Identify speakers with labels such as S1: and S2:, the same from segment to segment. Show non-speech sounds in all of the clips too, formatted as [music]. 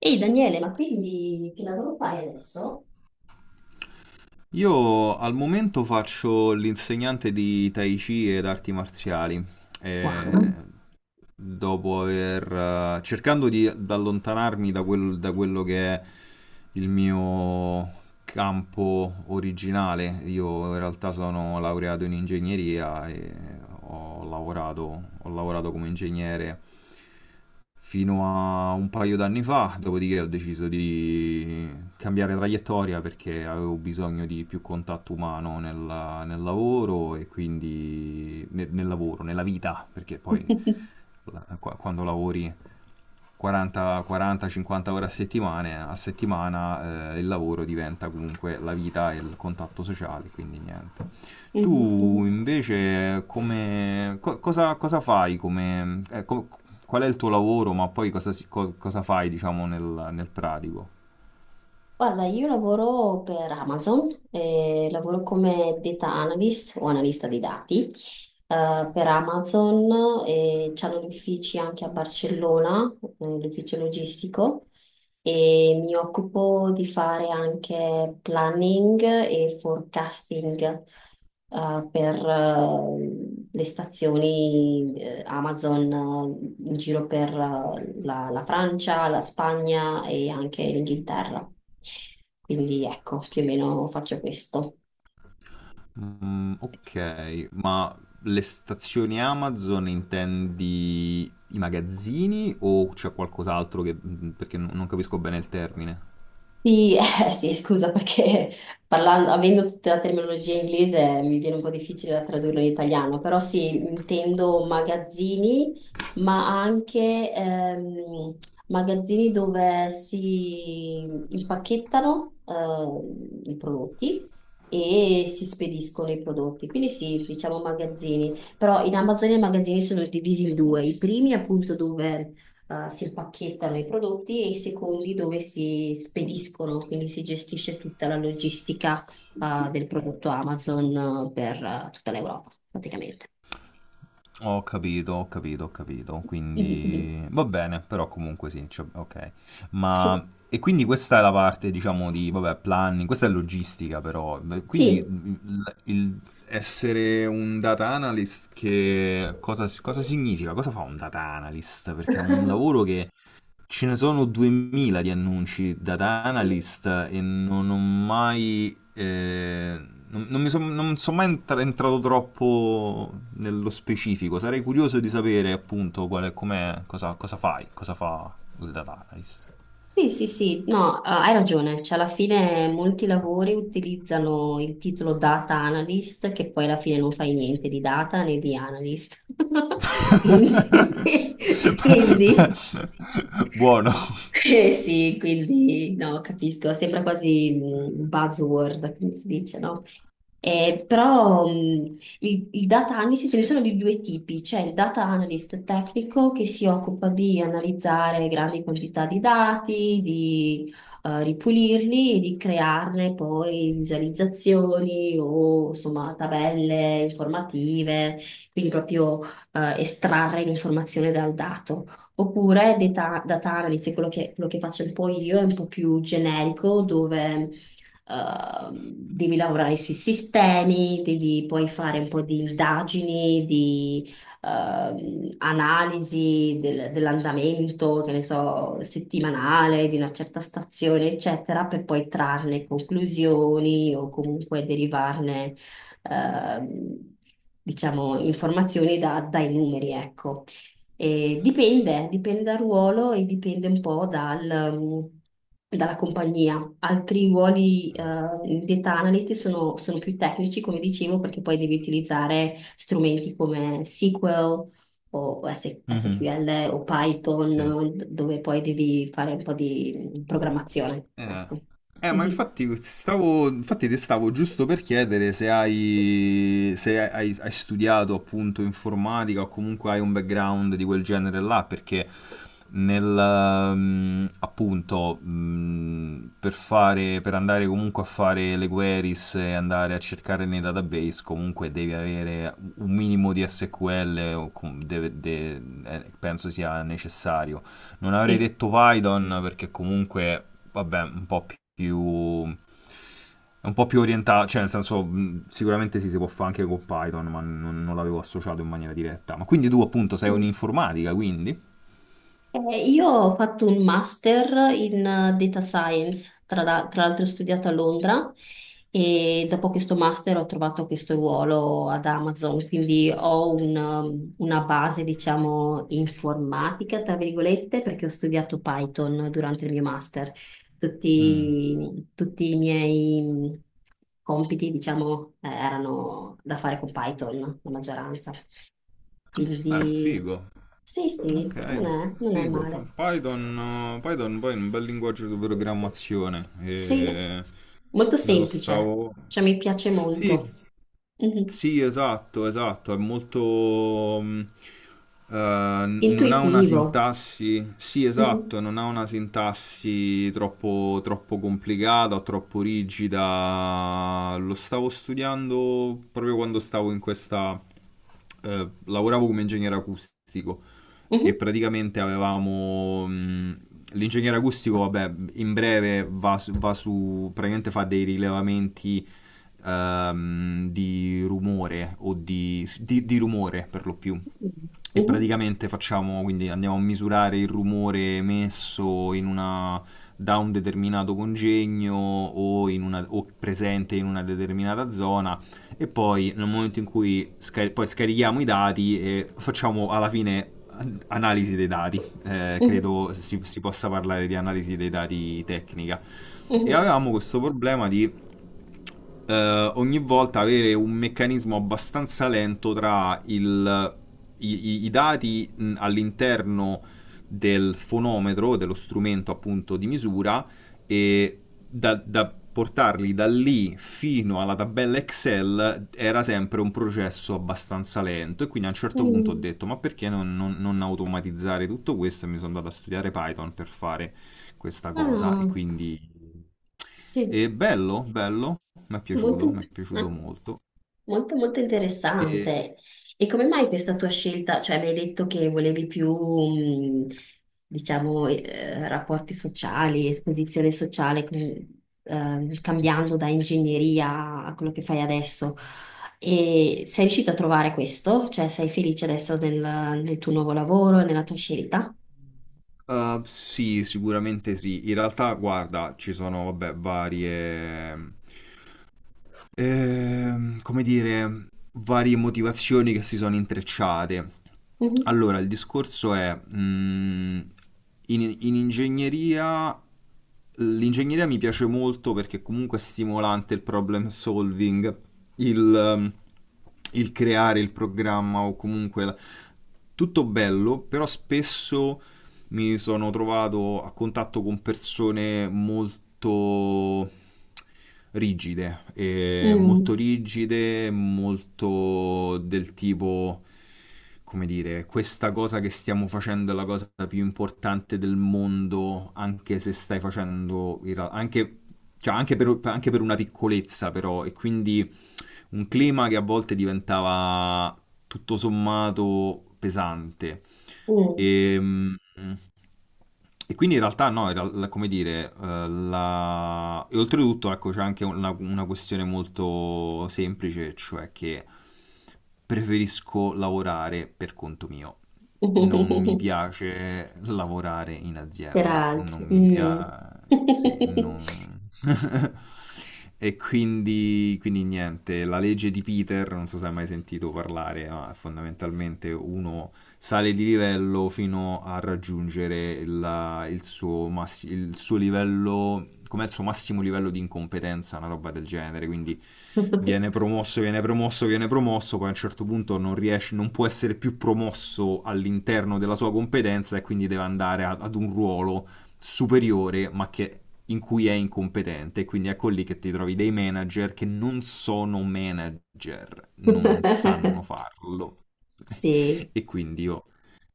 S1: Ehi Daniele, ma quindi che lavoro fai adesso?
S2: Io al momento faccio l'insegnante di Tai Chi ed arti marziali,
S1: Wow.
S2: eh, dopo aver, cercando di allontanarmi da, da quello che è il mio campo originale. Io in realtà sono laureato in ingegneria e ho lavorato come ingegnere fino a un paio d'anni fa, dopodiché ho deciso di cambiare traiettoria perché avevo bisogno di più contatto umano nel lavoro e quindi nel lavoro, nella vita, perché poi
S1: [laughs]
S2: quando lavori 40, 40, 50 ore a settimana il lavoro diventa comunque la vita e il contatto sociale, quindi niente. Tu
S1: Mhm, mhm.
S2: invece come cosa, cosa fai come, qual è il tuo lavoro, ma poi cosa, cosa fai, diciamo, nel, nel pratico?
S1: Guarda, io lavoro per Amazon, lavoro come data analyst o analista dei dati, per Amazon e c'hanno gli uffici anche a Barcellona, l'ufficio logistico. E mi occupo di fare anche planning e forecasting, per le stazioni, Amazon, in giro per la Francia, la Spagna e anche l'Inghilterra. Quindi ecco, più o meno faccio questo.
S2: Mm, ok, ma le stazioni Amazon intendi i magazzini o c'è qualcos'altro che mm, perché non capisco bene il termine.
S1: Sì, sì, scusa perché parlando, avendo tutta la terminologia inglese mi viene un po' difficile da tradurlo in italiano, però sì, intendo magazzini, ma anche magazzini dove si impacchettano, i prodotti e si spediscono i prodotti. Quindi sì, diciamo magazzini, però in Amazon i magazzini sono divisi in due, i primi appunto dove si impacchettano i prodotti e i secondi dove si spediscono, quindi si gestisce tutta la logistica, del prodotto Amazon, per, tutta l'Europa, praticamente.
S2: Ho capito, ho capito, ho capito.
S1: Mhm.
S2: Quindi va bene, però comunque sì, cioè, ok.
S1: Sì.
S2: Ma e quindi questa è la parte, diciamo, di vabbè, planning, questa è logistica però. Beh, quindi
S1: Sì.
S2: il essere un data analyst che cosa, cosa significa? Cosa fa un data analyst? Perché è un
S1: [laughs]
S2: lavoro che ce ne sono 2000 di annunci da
S1: Sì.
S2: analyst e non ho mai non mi non sono mai entrato troppo nello specifico. Sarei curioso di sapere appunto qual è, com'è, cosa, cosa fai, cosa fa il data analyst.
S1: Sì, sì, sì, no, hai ragione, cioè alla fine molti lavori utilizzano il titolo data analyst, che poi alla fine non fai niente di data né di analyst. [laughs] Quindi, [laughs] quindi
S2: [laughs] Buono.
S1: eh sì, quindi no, capisco, sembra quasi mm, un buzzword, come si dice, no? Però il data analysis ce ne sono di due tipi, c'è il data analyst tecnico che si occupa di analizzare grandi quantità di dati, di ripulirli e di crearne poi visualizzazioni o insomma tabelle informative, quindi proprio estrarre l'informazione dal dato. Oppure data analysis, quello che faccio un po' io, è un po' più generico, dove devi lavorare sui sistemi, devi poi fare un po' di indagini, di dell'andamento, che ne so, settimanale di una certa stazione, eccetera, per poi trarne conclusioni o comunque derivarne, ehm, diciamo, informazioni dai numeri, ecco. E dipende, dipende dal ruolo e dipende un po' um, dalla compagnia. Altri ruoli, di data analyst sono, sono più tecnici, come dicevo, perché poi devi utilizzare strumenti come SQL o
S2: Mhm,
S1: SQL o Python,
S2: sì.
S1: dove poi devi fare un po' di programmazione.
S2: Eh,
S1: Ecco.
S2: Ma
S1: Mhm.
S2: infatti stavo, infatti ti stavo giusto per chiedere se hai, hai studiato appunto informatica o comunque hai un background di quel genere là, perché nel, mm, appunto, mm, per fare, per andare comunque a fare le queries e andare a cercare nei database, comunque devi avere un minimo di SQL, o penso sia necessario. Non avrei
S1: Sì.
S2: detto Python perché comunque, vabbè, un po' più è un po' più orientato, cioè nel senso sicuramente sì, si può fare anche con Python, ma non l'avevo associato in maniera diretta. Ma quindi tu appunto sei un'informatica, quindi?
S1: Io ho fatto un master in, data science, tra l'altro ho studiato a Londra e dopo questo master ho trovato questo ruolo ad Amazon, quindi ho un, una base, diciamo, informatica, tra virgolette, perché ho studiato Python durante il mio master.
S2: Mm.
S1: Tutti i miei mm, compiti, diciamo, erano da fare con Python, la maggioranza. Quindi
S2: Figo.
S1: sì,
S2: Ok.
S1: sì, non è
S2: Figo.
S1: male.
S2: Python, Python poi è un bel linguaggio di programmazione.
S1: Sì,
S2: E
S1: molto
S2: me lo
S1: semplice,
S2: stavo
S1: cioè mi piace
S2: Sì,
S1: molto. Mhm.
S2: Sì, esatto, esatto, è molto non ha una
S1: Intuitivo.
S2: sintassi Sì,
S1: Mhm.
S2: esatto, non ha una sintassi troppo complicata o troppo rigida. Lo stavo studiando proprio quando stavo in questa lavoravo come ingegnere acustico e
S1: Mhm.
S2: praticamente avevamo l'ingegnere acustico, vabbè, in breve va, su, praticamente fa dei rilevamenti di rumore o di rumore per lo più. E
S1: Mhm.
S2: praticamente facciamo, quindi andiamo a misurare il rumore emesso in una, da un determinato congegno o, in una, o presente in una determinata zona e poi nel momento in cui poi scarichiamo i dati e facciamo alla fine analisi dei dati.
S1: Mhm.
S2: Credo si possa parlare di analisi dei dati tecnica. E
S1: Mhm.
S2: avevamo questo problema di ogni volta avere un meccanismo abbastanza lento i dati all'interno del fonometro, dello strumento appunto di misura, e da portarli da lì fino alla tabella Excel era sempre un processo abbastanza lento. E quindi a un certo punto ho
S1: Mhm.
S2: detto: ma perché non automatizzare tutto questo? E mi sono andato a studiare Python per fare questa cosa e
S1: Ah,
S2: quindi
S1: sì,
S2: è bello, bello,
S1: molto
S2: mi è
S1: intuitivo.
S2: piaciuto molto.
S1: Molto molto
S2: E
S1: interessante. E come mai questa tua scelta? Cioè, mi hai detto che volevi più, diciamo, rapporti sociali, esposizione sociale, cambiando
S2: sì,
S1: da ingegneria a quello che fai adesso. E sei
S2: sì.
S1: riuscita a trovare questo? Cioè, sei felice adesso nel, nel tuo nuovo lavoro, nella tua scelta?
S2: Sì, sicuramente sì. In realtà, guarda, ci sono, vabbè, varie. Ehm, come dire, varie motivazioni che si sono intrecciate.
S1: Mhm.
S2: Allora, il discorso è, mm, in ingegneria, l'ingegneria mi piace molto perché comunque è stimolante il problem solving, il, mm, il creare il programma o comunque tutto bello, però spesso mi sono trovato a contatto con persone molto rigide,
S1: Mm.
S2: molto del tipo, come dire, questa cosa che stiamo facendo è la cosa più importante del mondo, anche se stai facendo, anche, cioè, anche per una piccolezza però, e quindi un clima che a volte diventava tutto sommato pesante.
S1: Mm.
S2: E, mm, e quindi in realtà no, come dire, e oltretutto ecco, c'è anche una questione molto semplice, cioè che preferisco lavorare per conto mio. Non mi
S1: [laughs]
S2: piace lavorare in
S1: Per
S2: azienda, non mi
S1: altri.
S2: piace Sì, non [laughs] E quindi, quindi niente, la legge di Peter, non so se hai mai sentito parlare, ma fondamentalmente uno sale di livello fino a raggiungere il suo, il suo livello, com'è il suo massimo livello di incompetenza, una roba del genere, quindi
S1: Mm.
S2: viene promosso, viene promosso, viene promosso, poi a un certo punto non riesce, non può essere più promosso all'interno della sua competenza e quindi deve andare ad un ruolo superiore, ma che, in cui è incompetente. Quindi ecco lì che ti trovi dei manager che non sono manager, non sanno
S1: [laughs]
S2: farlo.
S1: Sì.
S2: [laughs] E quindi io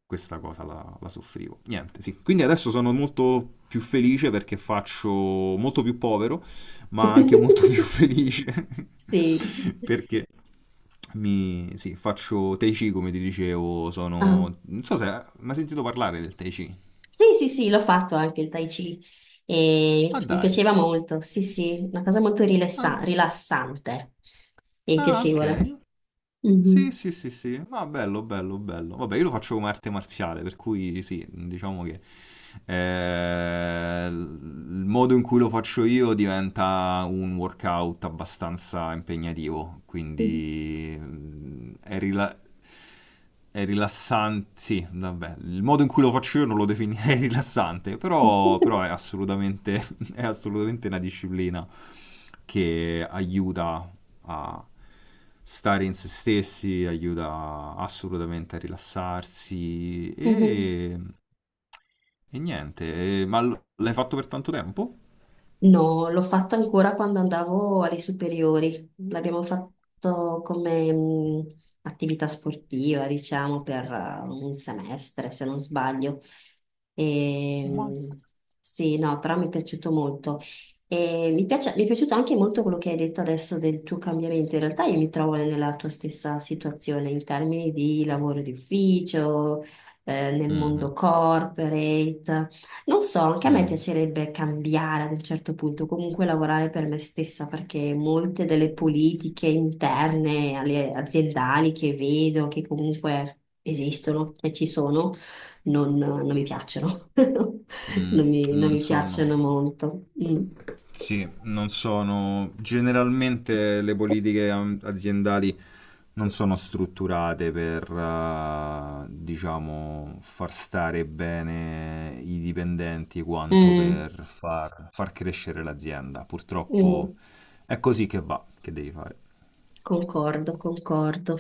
S2: questa cosa la soffrivo. Niente, sì. Quindi adesso sono molto più felice perché faccio molto più povero, ma anche molto più [laughs]
S1: [laughs]
S2: felice [laughs]
S1: Sì.
S2: perché mi, sì, faccio Tai Chi, come ti dicevo,
S1: Ah.
S2: sono Non so se Ma hai sentito parlare del Tai Chi?
S1: Sì, sì, sì, l'ho fatto anche il Tai Chi
S2: Ah
S1: e mi
S2: dai.
S1: piaceva molto. Sì, sì, una cosa molto
S2: Ah.
S1: rilassante e
S2: Ah,
S1: piacevole.
S2: ok. Sì,
S1: Mhm.
S2: sì, sì, sì. Ma bello, bello, bello. Vabbè, io lo faccio come arte marziale, per cui sì, diciamo che il modo in cui lo faccio io diventa un workout abbastanza impegnativo,
S1: Mhm.
S2: quindi mm, è rilassante, sì, vabbè, il modo in cui lo faccio io non lo definirei [laughs] rilassante, però, però è assolutamente, [laughs] è assolutamente una disciplina che aiuta a stare in se stessi, aiuta assolutamente a rilassarsi
S1: [laughs]
S2: e niente. Ma l'hai fatto per tanto tempo?
S1: No, l'ho fatto ancora quando andavo alle superiori. L'abbiamo fatto come attività sportiva, diciamo, per, un semestre, se non sbaglio. E,
S2: Ma
S1: sì, no, però mi è piaciuto molto. E mi è piaciuto anche molto quello che hai detto adesso del tuo cambiamento. In realtà io mi trovo nella tua stessa situazione in termini di lavoro di ufficio, nel mondo
S2: mhm,
S1: corporate. Non so, anche a me
S2: mm,
S1: piacerebbe cambiare ad un certo punto, comunque lavorare per me stessa, perché molte delle politiche interne, alle aziendali che vedo, che comunque esistono e ci sono, non mi piacciono. [laughs]
S2: mm.
S1: Non
S2: Non
S1: mi piacciono
S2: sono
S1: molto. Mm.
S2: Sì, non sono generalmente le politiche aziendali non sono strutturate per, diciamo, far stare bene i dipendenti quanto
S1: Mm.
S2: per far, far crescere l'azienda. Purtroppo
S1: Mm,
S2: è così che va, che devi fare.
S1: concordo, concordo.